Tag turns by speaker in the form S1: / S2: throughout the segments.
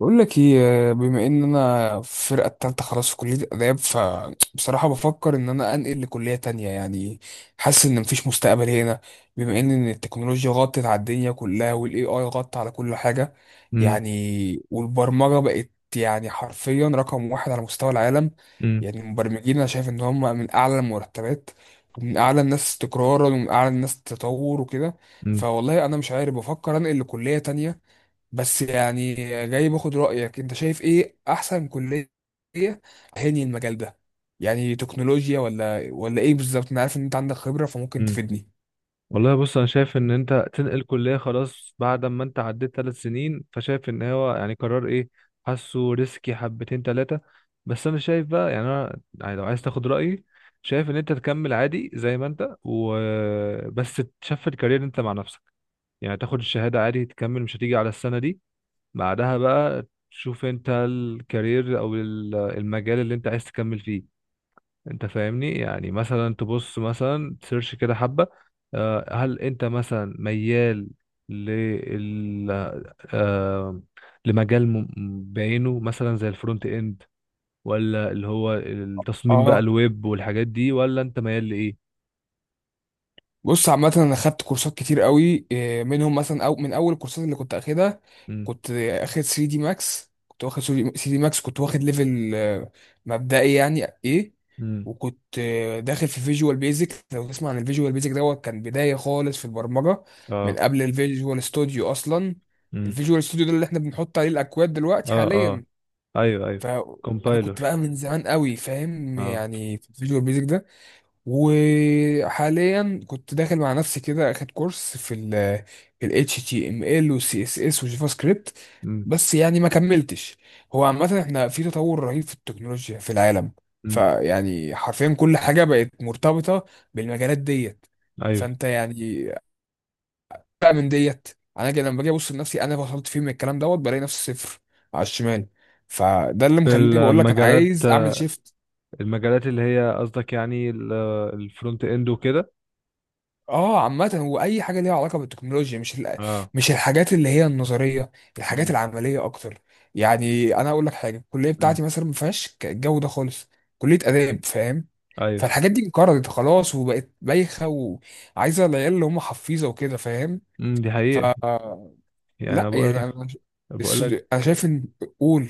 S1: بقول لك ايه، بما ان انا في الفرقه التالتة خلاص في كليه اداب، فبصراحه بفكر ان انا انقل لكليه تانية يعني. حاسس ان مفيش مستقبل هنا، بما ان التكنولوجيا غطت على الدنيا كلها، والاي اي غطى على كل حاجه.
S2: امم
S1: يعني والبرمجه بقت يعني حرفيا رقم واحد على مستوى العالم.
S2: امم
S1: يعني المبرمجين انا شايف ان هم من اعلى المرتبات، ومن اعلى الناس استقرارا، ومن اعلى الناس تطور وكده.
S2: امم
S1: فوالله انا مش عارف، بفكر انقل لكليه تانية. بس يعني جاي باخد رأيك، انت شايف ايه احسن كلية هني المجال ده؟ يعني تكنولوجيا ولا ايه بالظبط؟ انا عارف ان انت عندك خبرة فممكن
S2: امم
S1: تفيدني.
S2: والله، بص، انا شايف ان انت تنقل كليه خلاص بعد ما انت عديت ثلاث سنين، فشايف ان هو يعني قرار ايه. حاسه ريسكي حبتين ثلاثه. بس انا شايف بقى، يعني انا يعني لو عايز تاخد رايي، شايف ان انت تكمل عادي زي ما انت وبس. تشفت كارير انت مع نفسك، يعني تاخد الشهاده عادي، تكمل، مش هتيجي على السنه دي. بعدها بقى تشوف انت الكارير او المجال اللي انت عايز تكمل فيه. انت فاهمني؟ يعني مثلا تبص، مثلا تسيرش كده حبة. هل انت مثلا ميال لل آه، لمجال بعينه، مثلا زي الفرونت اند، ولا اللي هو التصميم بقى،
S1: اه،
S2: الويب والحاجات دي، ولا انت ميال لايه؟
S1: بص عامة أنا خدت كورسات كتير قوي إيه، منهم مثلا أو من أول الكورسات اللي كنت أخدها.
S2: امم.
S1: كنت واخد 3 دي ماكس، كنت واخد ليفل مبدئي يعني إيه.
S2: امم.
S1: وكنت داخل في فيجوال بيزك. لو تسمع عن الفيجوال بيزك دوت، كان بداية خالص في البرمجة من
S2: اه.
S1: قبل الفيجوال ستوديو أصلا.
S2: امم.
S1: الفيجوال ستوديو ده اللي إحنا بنحط عليه الأكواد دلوقتي
S2: اه. اه.
S1: حاليا.
S2: ايوه. ايوه.
S1: فأنا كنت
S2: كومبايلر.
S1: بقى من زمان قوي فاهم
S2: اه.
S1: يعني في الفيجوال بيزك ده. وحاليا كنت داخل مع نفسي كده اخد كورس في ال HTML و CSS و جافا سكريبت،
S2: امم.
S1: بس يعني ما كملتش. هو عامة احنا في تطور رهيب في التكنولوجيا في العالم.
S2: امم.
S1: فيعني حرفيا كل حاجة بقت مرتبطة بالمجالات ديت.
S2: ايوه.
S1: فانت يعني بقى من ديت، انا لما باجي ابص لنفسي انا وصلت فين من الكلام دوت، بلاقي نفسي صفر على الشمال. فده اللي
S2: في
S1: مخليني بقول لك انا
S2: المجالات،
S1: عايز اعمل شيفت.
S2: المجالات اللي هي قصدك يعني، الفرونت اند وكده.
S1: اه، عامة هو أي حاجة ليها علاقة بالتكنولوجيا، مش
S2: اه.
S1: مش الحاجات اللي هي النظرية، الحاجات العملية أكتر. يعني أنا أقول لك حاجة، الكلية
S2: امم.
S1: بتاعتي مثلا ما فيهاش الجو ده خالص. كلية آداب فاهم.
S2: ايوه.
S1: فالحاجات دي انقرضت خلاص وبقت بايخة، وعايزة العيال اللي هم حفيظة وكده فاهم.
S2: امم، دي
S1: ف
S2: حقيقة. يعني انا
S1: لا
S2: بقول
S1: يعني
S2: لك،
S1: أنا
S2: بقول لك.
S1: أنا شايف إن، قول.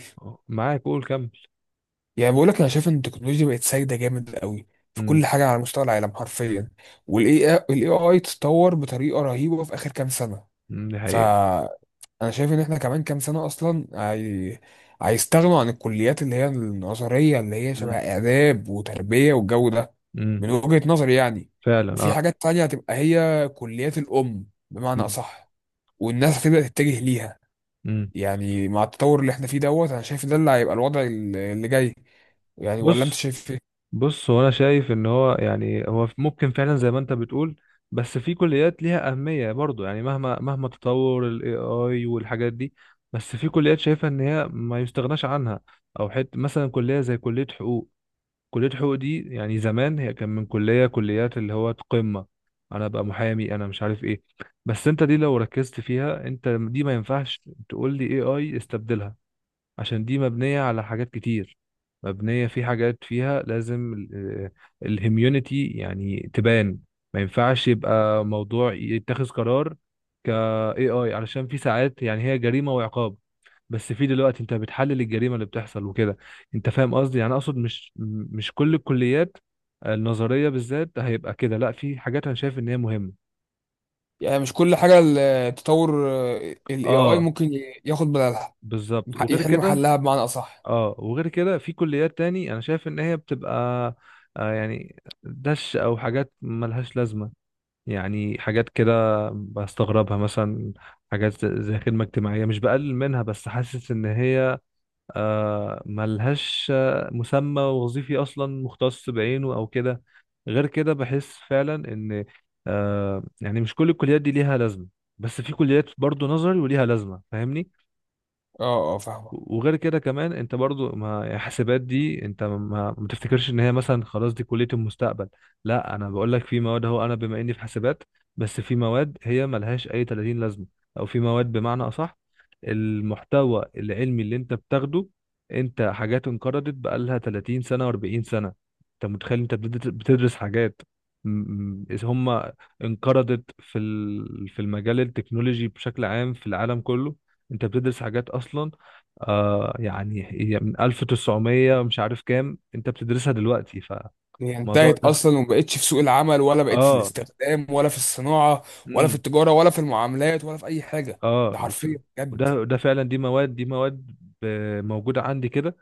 S2: معاك، قول كمل.
S1: يعني بقول لك أنا شايف إن التكنولوجيا بقت سايدة جامد قوي في
S2: امم.
S1: كل حاجة على مستوى العالم حرفيا. والاي اي تطور بطريقه رهيبه في اخر كام سنه.
S2: أمم، دي حقيقة.
S1: فانا شايف ان احنا كمان كام سنه اصلا هيستغنوا عن الكليات اللي هي النظريه، اللي هي شبه
S2: امم.
S1: اداب وتربيه والجو ده،
S2: أمم،
S1: من وجهه نظري يعني.
S2: فعلا
S1: وفي
S2: اه.
S1: حاجات تانية هتبقى هي كليات الام بمعنى
S2: امم.
S1: اصح، والناس هتبدا تتجه ليها.
S2: أمم.
S1: يعني مع التطور اللي احنا فيه دوت انا شايف ده اللي هيبقى الوضع اللي جاي، يعني ولا انت
S2: بص
S1: شايف ايه؟
S2: بص, هو انا شايف ان هو يعني هو ممكن فعلا زي ما انت بتقول، بس في كليات ليها اهمية برضو، يعني مهما مهما تطور الاي اي والحاجات دي، بس في كليات شايفة ان هي ما يستغناش عنها، او حت مثلا كلية زي كلية حقوق. كلية حقوق دي، يعني زمان هي كان من كلية كليات اللي هو قمة. أنا أبقى محامي، أنا مش عارف إيه. بس أنت دي، لو ركزت فيها أنت، دي ما ينفعش تقول لي AI استبدلها، عشان دي مبنية على حاجات كتير، مبنية في حاجات فيها لازم الهيميونيتي يعني تبان. ما ينفعش يبقى موضوع يتخذ قرار ك AI، علشان في ساعات يعني هي جريمة وعقاب، بس في دلوقتي انت بتحلل الجريمة اللي بتحصل وكده. انت فاهم قصدي؟ يعني اقصد مش كل الكليات النظرية بالذات هيبقى كده، لا، في حاجات انا شايف ان هي مهمة.
S1: يعني مش كل حاجه التطور، الاي اي
S2: اه،
S1: ممكن ياخد بدلها،
S2: بالظبط. وغير
S1: يحل
S2: كده
S1: محلها بمعنى اصح.
S2: اه، وغير كده في كليات تاني انا شايف ان هي بتبقى آه يعني دش او حاجات ملهاش لازمه. يعني حاجات كده بستغربها، مثلا حاجات زي خدمه اجتماعيه. مش بقلل منها، بس حاسس ان هي ملهاش مسمى وظيفي اصلا مختص بعينه او كده. غير كده بحس فعلا ان مش كل الكليات دي ليها لازمه، بس في كليات برضو نظري وليها لازمه، فاهمني؟
S1: اه، اه، فاهمك.
S2: وغير كده كمان، انت برضو ما يعني، حسابات دي انت ما تفتكرش ان هي مثلا خلاص دي كلية المستقبل. لا، انا بقول لك في مواد، اهو انا بما اني في حسابات، بس في مواد هي ملهاش اي 30 لازمة، او في مواد بمعنى اصح، المحتوى العلمي اللي انت بتاخده، انت حاجات انقرضت بقالها 30 سنة و40 سنة. انت متخيل انت بتدرس بتدرس حاجات م- هم انقرضت في في المجال التكنولوجي بشكل عام في العالم كله. انت بتدرس حاجات اصلا هي من 1900 مش عارف كام، انت بتدرسها دلوقتي.
S1: هي
S2: فالموضوع
S1: انتهت
S2: ده
S1: اصلا وما بقتش في سوق العمل، ولا بقت في
S2: اه،
S1: الاستخدام، ولا في الصناعه، ولا في
S2: امم،
S1: التجاره، ولا في المعاملات، ولا في اي حاجه.
S2: اه،
S1: ده حرفيا بجد.
S2: وده ده فعلا، دي مواد، دي مواد موجودة عندي كده.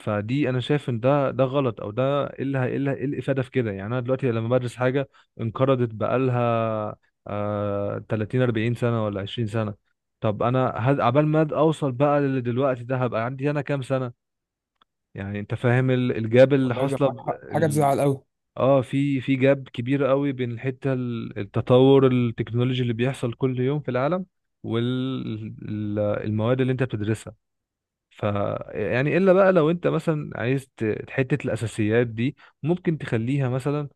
S2: فدي انا شايف ان ده غلط، او ده ايه إيه الافادة في كده؟ يعني انا دلوقتي لما بدرس حاجة انقرضت بقالها 30 40 سنة ولا 20 سنة، طب انا عبال ما اوصل بقى للي دلوقتي ده، هبقى عندي انا كام سنة؟ يعني انت فاهم الجاب اللي
S1: والله زي معاك
S2: حاصله.
S1: حق، حاجه تزعل قوي.
S2: اه، في في جاب كبير قوي بين الحته، التطور التكنولوجي اللي بيحصل كل يوم في العالم والمواد اللي انت بتدرسها. ف يعني الا بقى، لو انت مثلا عايز حته الاساسيات دي ممكن تخليها مثلا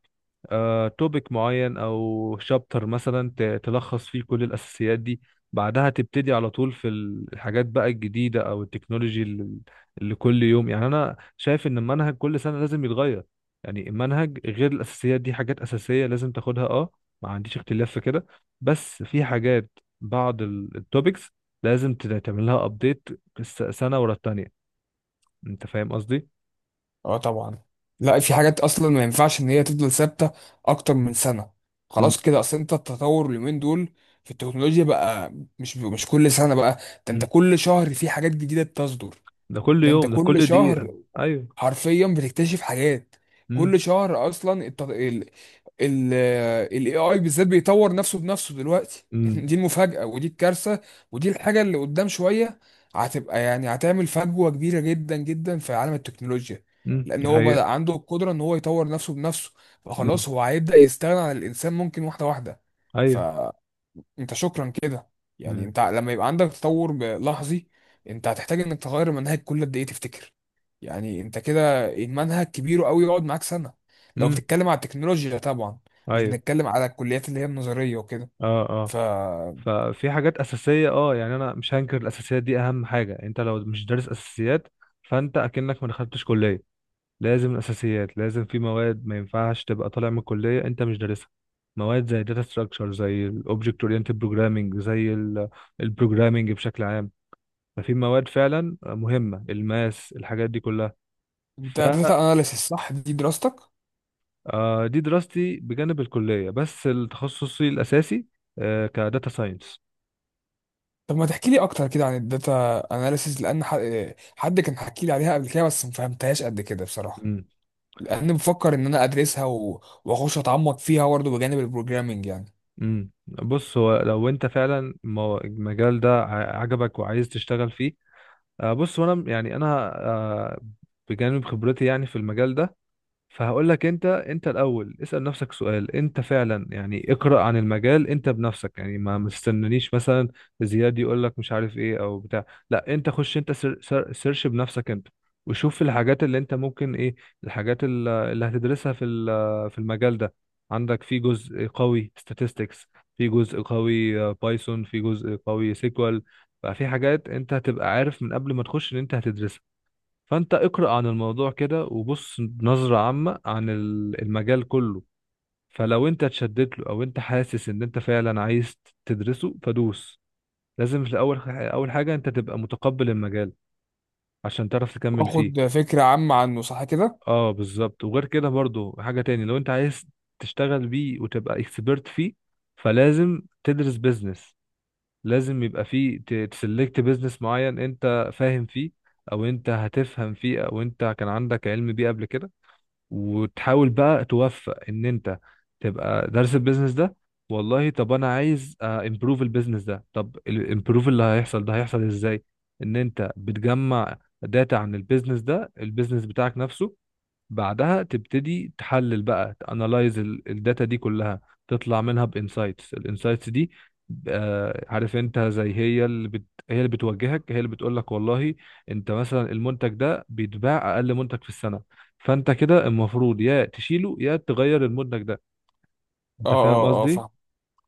S2: توبيك معين او شابتر مثلا، تلخص فيه كل الاساسيات دي، بعدها تبتدي على طول في الحاجات بقى الجديده او التكنولوجي اللي اللي كل يوم. يعني انا شايف ان المنهج كل سنه لازم يتغير. يعني المنهج غير الاساسيات دي، حاجات اساسيه لازم تاخدها اه، ما عنديش اختلاف في كده، بس في حاجات، بعض التوبكس، لازم تعملها ابديت سنه ورا التانيه. انت فاهم قصدي؟
S1: اه طبعا، لا في حاجات اصلا ما ينفعش ان هي تفضل ثابته اكتر من سنه.
S2: م-
S1: خلاص كده، اصل انت التطور اليومين دول في التكنولوجيا بقى مش كل سنه بقى. ده انت
S2: م.
S1: كل شهر في حاجات جديده بتصدر.
S2: ده كل
S1: ده انت
S2: يوم، ده
S1: كل
S2: كل دقيقه.
S1: شهر
S2: ايوه.
S1: حرفيا بتكتشف حاجات. كل
S2: م-
S1: شهر اصلا الت... ال ال الاي اي بالذات بيطور نفسه بنفسه دلوقتي
S2: م.
S1: دي المفاجأة ودي الكارثة. ودي الحاجة اللي قدام شوية هتبقى، يعني هتعمل فجوة كبيرة جدا جدا في عالم التكنولوجيا.
S2: امم،
S1: لان
S2: دي
S1: هو بدأ
S2: حقيقة.
S1: عنده القدرة ان هو يطور نفسه بنفسه.
S2: امم.
S1: فخلاص هو هيبدأ يستغنى عن الانسان ممكن، واحدة واحدة.
S2: ايوه.
S1: انت شكرا كده، يعني
S2: آه.
S1: انت لما يبقى عندك تطور لحظي، انت هتحتاج انك تغير المنهج كل قد ايه تفتكر؟ يعني انت كده المنهج كبير قوي يقعد معاك سنة، لو
S2: امم.
S1: بتتكلم على التكنولوجيا طبعا. مش
S2: ايوه.
S1: بنتكلم على الكليات اللي هي النظرية وكده.
S2: اه. اه.
S1: فانت
S2: ففي حاجات اساسية اه، يعني انا مش هنكر الاساسيات دي، اهم حاجة. انت لو مش دارس اساسيات، فانت اكنك ما دخلتش كلية. لازم الاساسيات، لازم في مواد ما ينفعش تبقى طالع من الكلية انت مش دارسها. مواد زي داتا ستراكشر، زي الاوبجكت اورينتد بروجرامنج، زي البروجرامنج بشكل عام. ففي مواد فعلا مهمة، الماس الحاجات دي كلها.
S1: داتا اناليسيس صح دي دراستك؟
S2: دي دراستي بجانب الكلية، بس التخصصي الأساسي كداتا ساينس.
S1: طب ما تحكي لي اكتر كده عن الداتا اناليسيس، لان حد كان حكي لي عليها قبل كده، بس ما فهمتهاش قد كده بصراحة.
S2: امم.
S1: لان بفكر ان انا ادرسها واخش اتعمق فيها برضه بجانب البروجرامينج يعني.
S2: امم، بص، هو لو انت فعلا المجال ده عجبك وعايز تشتغل فيه، بص، وانا يعني انا بجانب خبرتي يعني في المجال ده، فهقول لك، انت انت الاول اسال نفسك سؤال، انت فعلا يعني اقرا عن المجال انت بنفسك، يعني ما تستنانيش مثلا زياد يقول لك مش عارف ايه او بتاع. لا، انت خش انت، سر سر سيرش بنفسك انت، وشوف الحاجات اللي انت ممكن ايه، الحاجات اللي هتدرسها في في المجال ده. عندك في جزء قوي statistics، في جزء قوي بايثون، في جزء قوي سيكوال بقى. في حاجات انت هتبقى عارف من قبل ما تخش ان انت هتدرسها. فانت اقرأ عن الموضوع كده، وبص نظرة عامة عن المجال كله. فلو انت اتشدت له، او انت حاسس ان انت فعلا عايز تدرسه، فدوس. لازم في الاول، اول حاجة انت تبقى متقبل المجال، عشان تعرف تكمل فيه.
S1: واخد فكرة عامة عنه صح كده؟
S2: اه، بالظبط. وغير كده برضو، حاجة تاني، لو انت عايز تشتغل بيه وتبقى اكسبرت فيه، فلازم تدرس بيزنس. لازم يبقى فيه تسلكت بيزنس معين انت فاهم فيه، او انت هتفهم فيه، او انت كان عندك علم بيه قبل كده. وتحاول بقى توفق ان انت تبقى دارس البيزنس ده. والله، طب انا عايز امبروف البيزنس ده، طب الامبروف اللي هيحصل ده هيحصل ازاي؟ ان انت بتجمع داتا عن البيزنس ده، البيزنس بتاعك نفسه، بعدها تبتدي تحلل بقى، تانلايز الداتا دي كلها، تطلع منها بانسايتس. الانسايتس دي عارف انت، زي هي هي اللي بتوجهك، هي اللي بتقول لك، والله انت مثلا المنتج ده بيتباع اقل منتج في السنة، فانت كده المفروض يا تشيله يا تغير المنتج ده.
S1: اه،
S2: انت فاهم
S1: اه، اه،
S2: قصدي؟
S1: فاهم.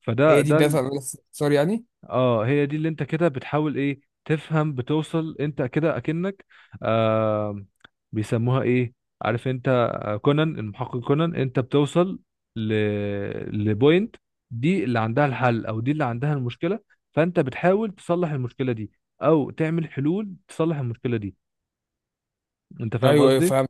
S2: فده
S1: هي دي
S2: ده.
S1: الدافع من الاختصار يعني؟
S2: اه، هي دي اللي انت كده بتحاول ايه تفهم، بتوصل انت كده اكنك آه بيسموها ايه؟ عارف انت كونان، المحقق كونان، انت بتوصل ل لبوينت، دي اللي عندها الحل او دي اللي عندها المشكلة، فانت بتحاول تصلح المشكلة دي او تعمل حلول تصلح المشكلة دي. انت فاهم
S1: ايوه، ايوه،
S2: قصدي؟
S1: فاهم.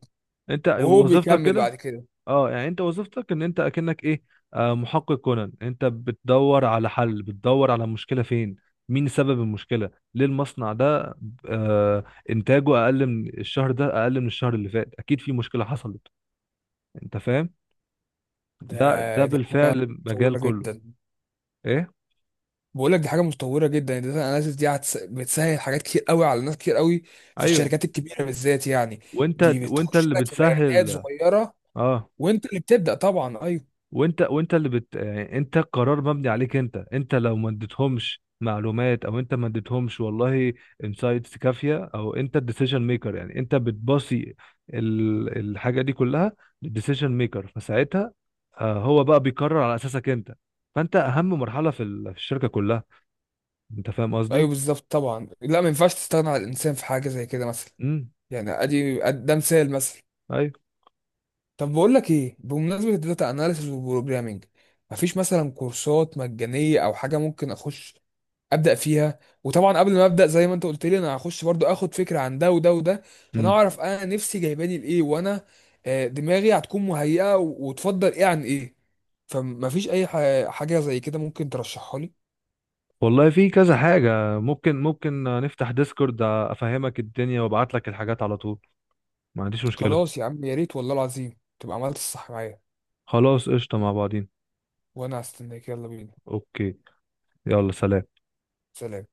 S2: انت
S1: وهو
S2: وظيفتك
S1: بيكمل
S2: كده.
S1: بعد كده.
S2: اه، يعني انت وظيفتك ان انت اكنك ايه، محقق كونان. انت بتدور على حل، بتدور على المشكله فين، مين سبب المشكله، ليه المصنع ده آه انتاجه اقل من الشهر ده، اقل من الشهر اللي فات، اكيد في مشكله حصلت. انت فاهم؟
S1: ده
S2: ده ده
S1: دي حاجة
S2: بالفعل مجال
S1: متطورة
S2: كله
S1: جدا.
S2: ايه.
S1: بقول لك دي حاجة متطورة جدا، الداتا اناليسيس دي بتسهل حاجات كتير قوي على ناس كتير قوي في
S2: ايوه،
S1: الشركات الكبيرة بالذات يعني.
S2: وانت
S1: دي
S2: وانت
S1: بتخش
S2: اللي
S1: لك في بيانات
S2: بتسهل.
S1: صغيرة،
S2: اه،
S1: وانت اللي بتبدأ طبعا. ايوه،
S2: وانت اللي يعني انت القرار مبني عليك انت. انت لو ما اديتهمش معلومات، او انت ما اديتهمش والله انسايتس كافيه، او انت الديسيجن ميكر يعني، انت بتباصي الحاجه دي كلها للديسيجن ميكر، فساعتها هو بقى بيقرر على اساسك انت. فانت اهم مرحله في في الشركه كلها. انت فاهم
S1: ايوه
S2: قصدي؟
S1: بالظبط طبعا، لا ما ينفعش تستغنى عن الانسان في حاجة زي كده مثلا.
S2: امم.
S1: يعني ادي ده مثال مثلا.
S2: ايوه.
S1: طب بقول لك ايه، بمناسبه الداتا اناليسيس والبروجرامينج، مفيش مثلا كورسات مجانيه او حاجه ممكن اخش ابدا فيها؟ وطبعا قبل ما ابدا، زي ما انت قلت لي، انا هخش برضو اخد فكره عن ده وده وده، عشان
S2: امم،
S1: اعرف انا نفسي جايباني لايه. وانا دماغي هتكون مهيئه وتفضل ايه عن ايه. فمفيش اي حاجه زي كده ممكن ترشحها لي؟
S2: والله في كذا حاجه، ممكن نفتح ديسكورد افهمك الدنيا وابعت لك الحاجات على طول، ما عنديش مشكله.
S1: خلاص يا عم، يا ريت والله العظيم تبقى عملت الصح معايا.
S2: خلاص، قشطه، مع بعضين.
S1: وانا هستناك. يلا بينا،
S2: اوكي، يلا سلام.
S1: سلام.